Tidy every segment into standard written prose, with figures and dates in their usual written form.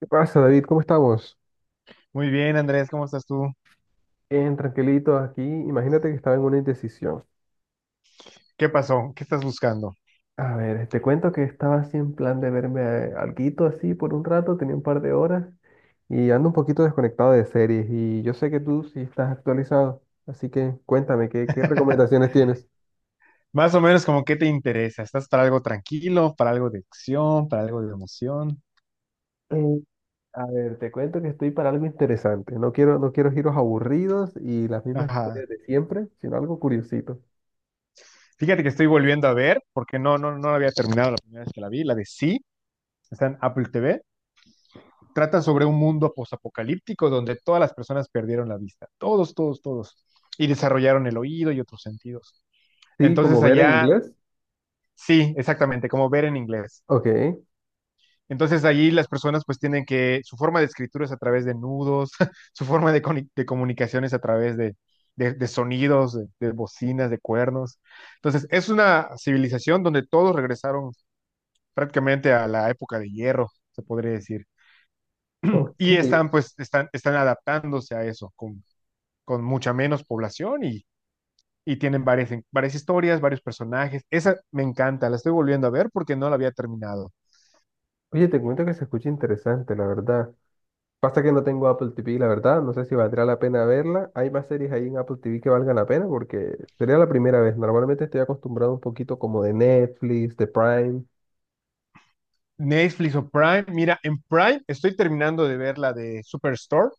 ¿Qué pasa, David? ¿Cómo estamos? Muy bien, Andrés, ¿cómo estás tú? Bien, tranquilito aquí. Imagínate que estaba en una indecisión. ¿Qué pasó? ¿Qué estás buscando? A ver, te cuento que estaba así en plan de verme alguito así por un rato, tenía un par de horas y ando un poquito desconectado de series, y yo sé que tú sí estás actualizado, así que cuéntame, ¿qué recomendaciones tienes? Más o menos como qué te interesa. ¿Estás para algo tranquilo, para algo de acción, para algo de emoción? Eh, a ver, te cuento que estoy para algo interesante. No quiero giros aburridos y las mismas historias Ajá. de siempre, sino algo curiosito. Fíjate que estoy volviendo a ver, porque no, no, no la había terminado la primera vez que la vi, la de Sí, está en Apple TV. Trata sobre un mundo posapocalíptico donde todas las personas perdieron la vista. Todos, todos, todos. Y desarrollaron el oído y otros sentidos. Sí, como Entonces Ver en allá, inglés. sí, exactamente, como ver en inglés. Ok. Entonces allí las personas pues tienen que, su forma de escritura es a través de nudos. Su forma de, de comunicación es a través de, de sonidos, de bocinas, de cuernos. Entonces es una civilización donde todos regresaron prácticamente a la época de hierro, se podría decir. Ok, Y están pues, están adaptándose a eso con mucha menos población, y tienen varias historias, varios personajes. Esa me encanta, la estoy volviendo a ver porque no la había terminado. oye, te cuento que se escucha interesante, la verdad. Pasa que no tengo Apple TV, la verdad. No sé si valdrá la pena verla. ¿Hay más series ahí en Apple TV que valgan la pena? Porque sería la primera vez. Normalmente estoy acostumbrado un poquito como de Netflix, de Prime. Netflix o Prime. Mira, en Prime estoy terminando de ver la de Superstore.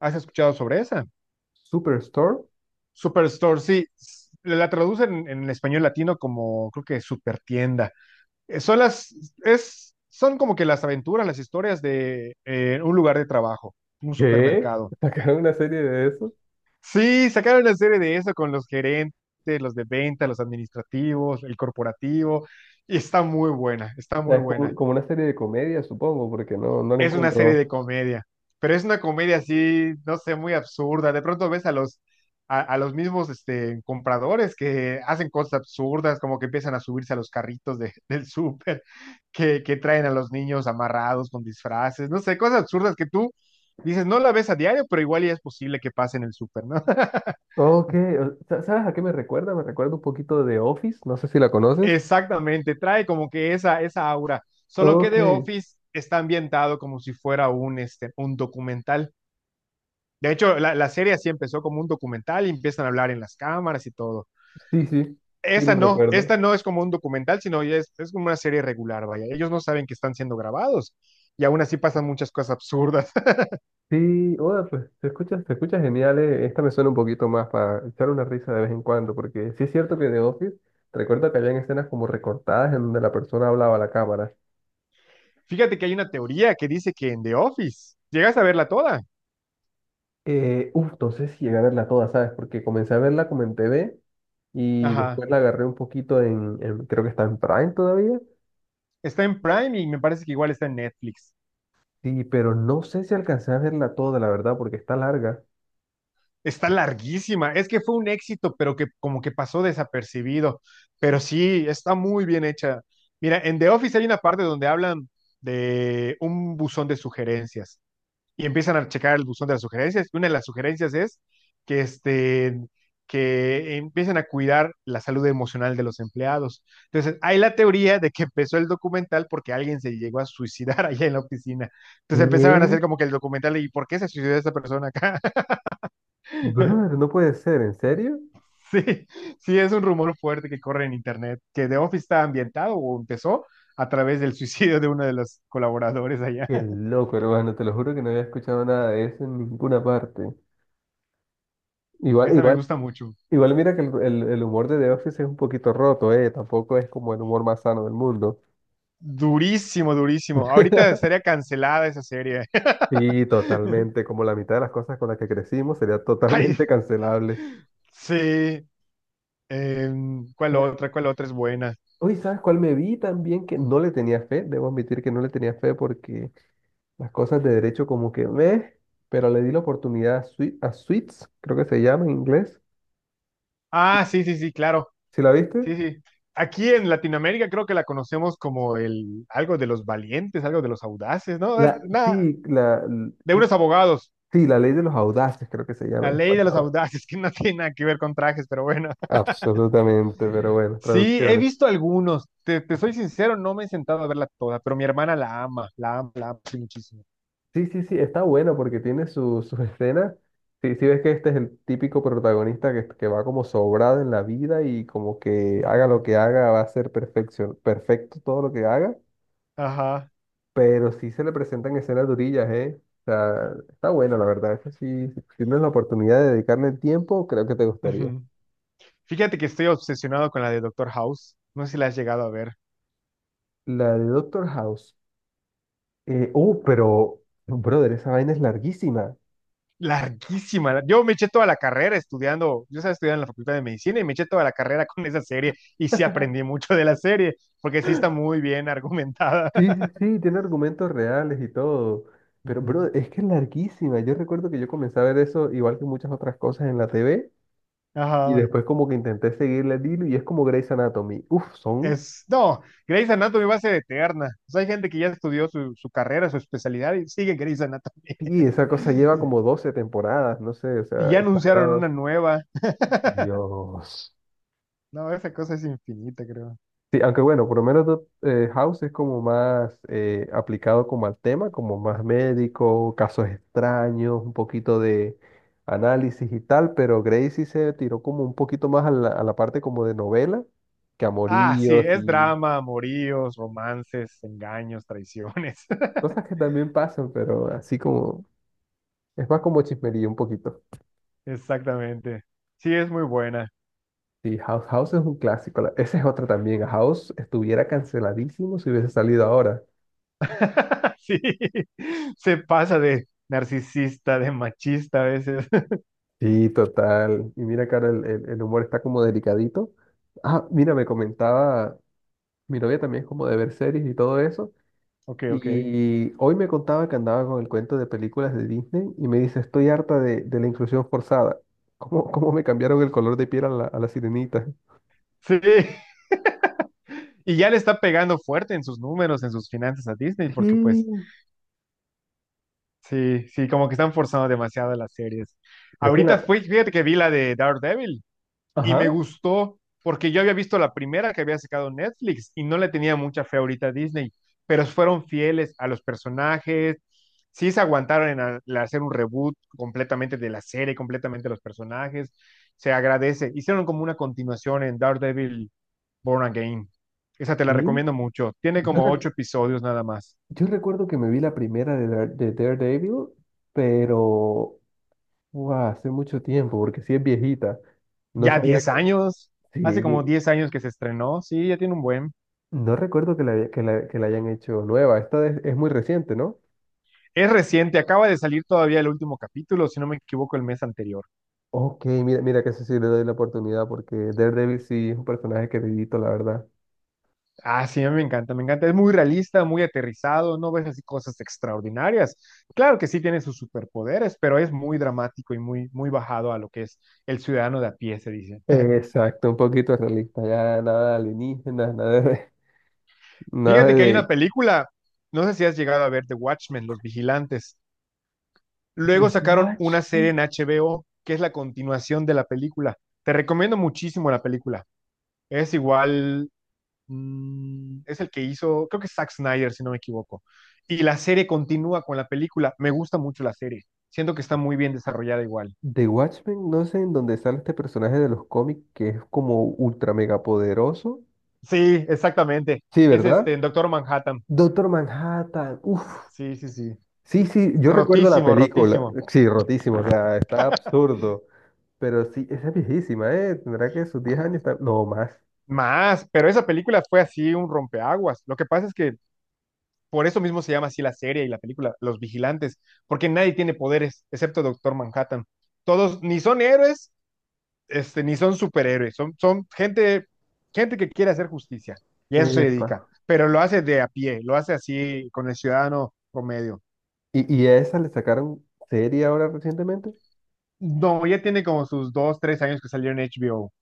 ¿Has escuchado sobre esa? Superstore. Superstore, sí. La traducen en español latino como, creo que Supertienda. Eh, Son las, son como que las aventuras, las historias de un lugar de trabajo, un ¿Qué? supermercado. ¿Sacaron una serie de eso? Sí, sacaron una serie de eso con los gerentes, los de venta, los administrativos, el corporativo. Y está muy buena, O está sea, muy es como, buena. como una serie de comedia, supongo, porque no la Es una encuentro. serie de comedia, pero es una comedia así, no sé, muy absurda. De pronto ves a los mismos compradores que hacen cosas absurdas, como que empiezan a subirse a los carritos del súper, que traen a los niños amarrados con disfraces, no sé, cosas absurdas que tú dices, no la ves a diario, pero igual ya es posible que pase en el súper, ¿no? Ok, ¿sabes a qué me recuerda? Me recuerda un poquito de Office. No sé si la conoces. Exactamente, trae como que esa, aura, solo que Ok, The Office está ambientado como si fuera un documental. De hecho, la serie así empezó como un documental y empiezan a hablar en las cámaras y todo. sí, sí, sí, lo recuerdo. Esta no es como un documental, sino ya es como una serie regular, vaya. Ellos no saben que están siendo grabados y aún así pasan muchas cosas absurdas. Sí, hola, pues se escucha genial. Esta me suena un poquito más para echar una risa de vez en cuando, porque sí es cierto que The Office, recuerdo que habían escenas como recortadas en donde la persona hablaba a la cámara. Fíjate que hay una teoría que dice que en The Office, llegas a verla toda. Uf, no sé si llegué a verla toda, ¿sabes? Porque comencé a verla como en TV y Ajá. después la agarré un poquito en, creo que está en Prime todavía. Está en Prime y me parece que igual está en Netflix. Sí, pero no sé si alcancé a verla toda, la verdad, porque está larga. Está larguísima. Es que fue un éxito, pero que como que pasó desapercibido. Pero sí, está muy bien hecha. Mira, en The Office hay una parte donde hablan de un buzón de sugerencias y empiezan a checar el buzón de las sugerencias. Y una de las sugerencias es que, este, que empiecen a cuidar la salud emocional de los empleados. Entonces, hay la teoría de que empezó el documental porque alguien se llegó a suicidar allá en la oficina. Entonces empezaban a ¿Qué? hacer como que el documental, ¿y por qué se suicidó esta persona acá? Brother, no puede ser, ¿en serio? Sí, sí, es un rumor fuerte que corre en internet, que The Office está ambientado o empezó a través del suicidio de uno de los colaboradores allá. Qué loco, hermano, te lo juro que no había escuchado nada de eso en ninguna parte. Igual, Esa me igual, gusta mucho. igual, mira que el, el humor de The Office es un poquito roto, ¿eh? Tampoco es como el humor más sano del mundo. Durísimo, durísimo. Ahorita estaría cancelada esa serie. Sí, totalmente. Como la mitad de las cosas con las que crecimos sería Ay, totalmente cancelable. sí. ¿Cuál Sa- otra? ¿Cuál otra es buena? Uy, ¿sabes cuál me vi también que no le tenía fe? Debo admitir que no le tenía fe porque las cosas de derecho como que me... Pero le di la oportunidad a, a Suits, creo que se llama en inglés. Ah, sí, sí, sí, claro. ¿Sí la viste? Sí, sí. Aquí en Latinoamérica creo que la conocemos como el algo de los valientes, algo de los audaces, ¿no? La, Nada, sí, la, l- de creo- unos abogados. sí, la ley de los audaces creo que se llama La en ley de los español. audaces, que no tiene nada que ver con trajes, pero bueno. Absolutamente, pero bueno, Sí, he traducciones. visto algunos. Te soy sincero, no me he sentado a verla toda, pero mi hermana la ama, la ama, la ama sí, muchísimo. Sí, sí, sí, está bueno porque tiene sus escenas. Sí, sí ves que este es el típico protagonista que va como sobrado en la vida, y como que haga lo Ujú. que haga va a ser perfección, perfecto todo lo que haga, Ajá. pero sí se le presentan escenas durillas, ¿eh? O sea, está bueno, la verdad. Eso sí, si tienes la oportunidad de dedicarle el tiempo, creo que te gustaría. Ujú. Fíjate que estoy obsesionado con la de Doctor House. No sé si la has llegado a ver. La de Doctor House. Pero, brother, esa vaina es larguísima. Larguísima. Yo me eché toda la carrera estudiando. Yo estaba estudiando en la Facultad de Medicina y me eché toda la carrera con esa serie y sí aprendí mucho de la serie, porque sí está muy bien argumentada. Sí, sí, sí, tiene argumentos reales y todo. Pero, Ujú. bro, es que es larguísima. Yo recuerdo que yo comencé a ver eso igual que muchas otras cosas en la TV, y Ajá. después como que intenté seguirle el hilo, y es como Grey's Anatomy. Uf, son... Es, no, Grey's Anatomy va a ser eterna. O sea, hay gente que ya estudió su, carrera, su especialidad y sigue Grey's Anatomy. Sí, esa cosa lleva como 12 temporadas, no sé, o Y sea, ya anunciaron una exagerado. nueva. Dios. No, esa cosa es infinita, creo. Sí, aunque bueno, por lo menos House es como más aplicado como al tema, como más médico, casos extraños, un poquito de análisis y tal, pero Grey sí se tiró como un poquito más a la parte como de novela, que Ah, sí, amoríos. Sí. es Y drama, amoríos, romances, engaños, traiciones. cosas que también pasan, pero así como, es más como chismería un poquito. Exactamente. Sí, es muy buena. Sí, House, House es un clásico. Esa es otra también, House estuviera canceladísimo si hubiese salido ahora. Sí, se pasa de narcisista, de machista a veces. Sí, total. Y mira, cara, el, el humor está como delicadito. Ah, mira, me comentaba, mi novia también es como de ver series y todo eso. Ok, ok. Y hoy me contaba que andaba con el cuento de películas de Disney, y me dice, estoy harta de la inclusión forzada. ¿Cómo, cómo me cambiaron el color de piel a la sirenita? Sí. Y ya le está pegando fuerte en sus números, en sus finanzas a Disney, porque pues. Sí, Sí, sí, como que están forzando demasiado las series. creo que Ahorita la... fui, fíjate que vi la de Daredevil y Ajá. me gustó porque yo había visto la primera que había sacado Netflix y no le tenía mucha fe ahorita a Disney, pero fueron fieles a los personajes, sí se aguantaron en en hacer un reboot completamente de la serie, completamente de los personajes, se agradece. Hicieron como una continuación en Daredevil Born Again. Esa te la Sí. recomiendo mucho. Tiene Yo, como re- ocho episodios nada más. yo recuerdo que me vi la primera de, de Daredevil, pero... guau, hace mucho tiempo, porque sí es viejita. No Ya sabía. 10 años, hace como Sí, 10 años que se estrenó, sí, ya tiene un buen. no recuerdo que la, haya- que la hayan hecho nueva. Esta es muy reciente, ¿no? Es reciente, acaba de salir todavía el último capítulo, si no me equivoco, el mes anterior. Ok, mira, mira que eso sí le doy la oportunidad, porque Daredevil sí es un personaje queridito, la verdad. Ah, sí, a mí me encanta, me encanta. Es muy realista, muy aterrizado, no ves así cosas extraordinarias. Claro que sí tiene sus superpoderes, pero es muy dramático y muy, muy bajado a lo que es el ciudadano de a pie, se dice. Exacto, un poquito realista, ya nada de alienígenas, nada de, nada Fíjate que hay una de... película, no sé si has llegado a ver The Watchmen, Los Vigilantes. Luego de sacaron una serie Watchmen. en HBO que es la continuación de la película. Te recomiendo muchísimo la película. Es igual, es el que hizo, creo que es Zack Snyder, si no me equivoco. Y la serie continúa con la película. Me gusta mucho la serie. Siento que está muy bien desarrollada igual. De Watchmen, no sé en dónde sale este personaje de los cómics que es como ultra mega poderoso. Sí, exactamente. Sí, Es ¿verdad? En Doctor Manhattan. Doctor Manhattan, uff. Sí, sí, sí. Sí, sí, yo recuerdo la Rotísimo, película. rotísimo. Sí, rotísimo, o sea, está absurdo. Pero sí, esa es viejísima, ¿eh? Tendrá que sus 10 años, no más. Más, pero esa película fue así un rompeaguas. Lo que pasa es que por eso mismo se llama así la serie y la película, Los Vigilantes, porque nadie tiene poderes excepto Doctor Manhattan. Todos ni son héroes ni son superhéroes, son gente, gente que quiere hacer justicia y a eso se dedica, Epa. pero lo hace de a pie, lo hace así con el ciudadano promedio. ¿Y a esa le sacaron serie ahora recientemente? No, ya tiene como sus 2, 3 años que salió en HBO.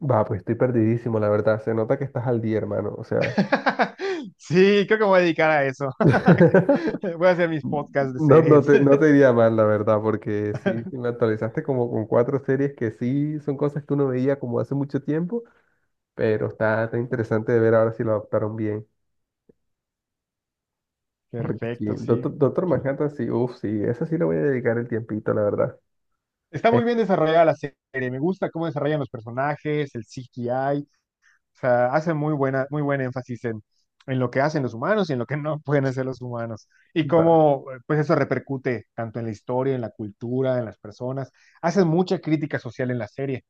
Va, pues estoy perdidísimo, la verdad. Se nota que estás al día, hermano. O sea, Sí, creo que me voy a dedicar a eso. Voy a hacer mis podcasts de no, no series. te, no te iría mal, la verdad, porque sí, sí me actualizaste como con cuatro series que sí son cosas que uno veía como hace mucho tiempo, pero está interesante de ver ahora si lo adaptaron bien. Porque sí, Perfecto, sí. Doctor Manhattan, sí, uff, sí, esa sí le voy a dedicar el tiempito, la verdad. Está Eh, muy bien desarrollada la serie. Me gusta cómo desarrollan los personajes, el CGI. O sea, hace muy buen énfasis en lo que hacen los humanos y en lo que no pueden hacer los humanos. Y va. cómo, pues eso repercute tanto en la historia, en la cultura, en las personas. Hacen mucha crítica social en la serie,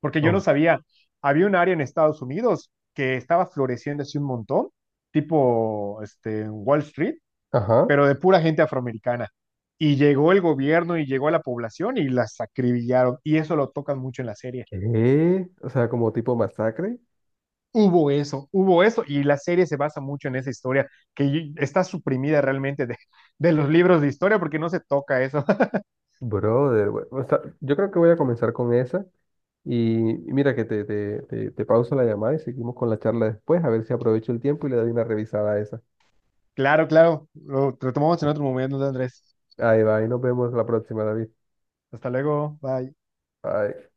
porque yo no Uf. sabía, había un área en Estados Unidos que estaba floreciendo así un montón, tipo Wall Street, Ajá. pero de pura gente afroamericana. Y llegó el gobierno y llegó a la población y las acribillaron. Y eso lo tocan mucho en la serie. ¿Qué? O sea, como tipo masacre. Hubo eso, hubo eso, y la serie se basa mucho en esa historia, que está suprimida realmente de, los libros de historia porque no se toca eso. Brother, o sea, yo creo que voy a comenzar con esa. Y mira que te pauso la llamada y seguimos con la charla después, a ver si aprovecho el tiempo y le doy una revisada a esa. Claro, claro, lo retomamos en otro momento, Andrés. Ahí va, y nos vemos la próxima, David. Hasta luego, bye. Bye.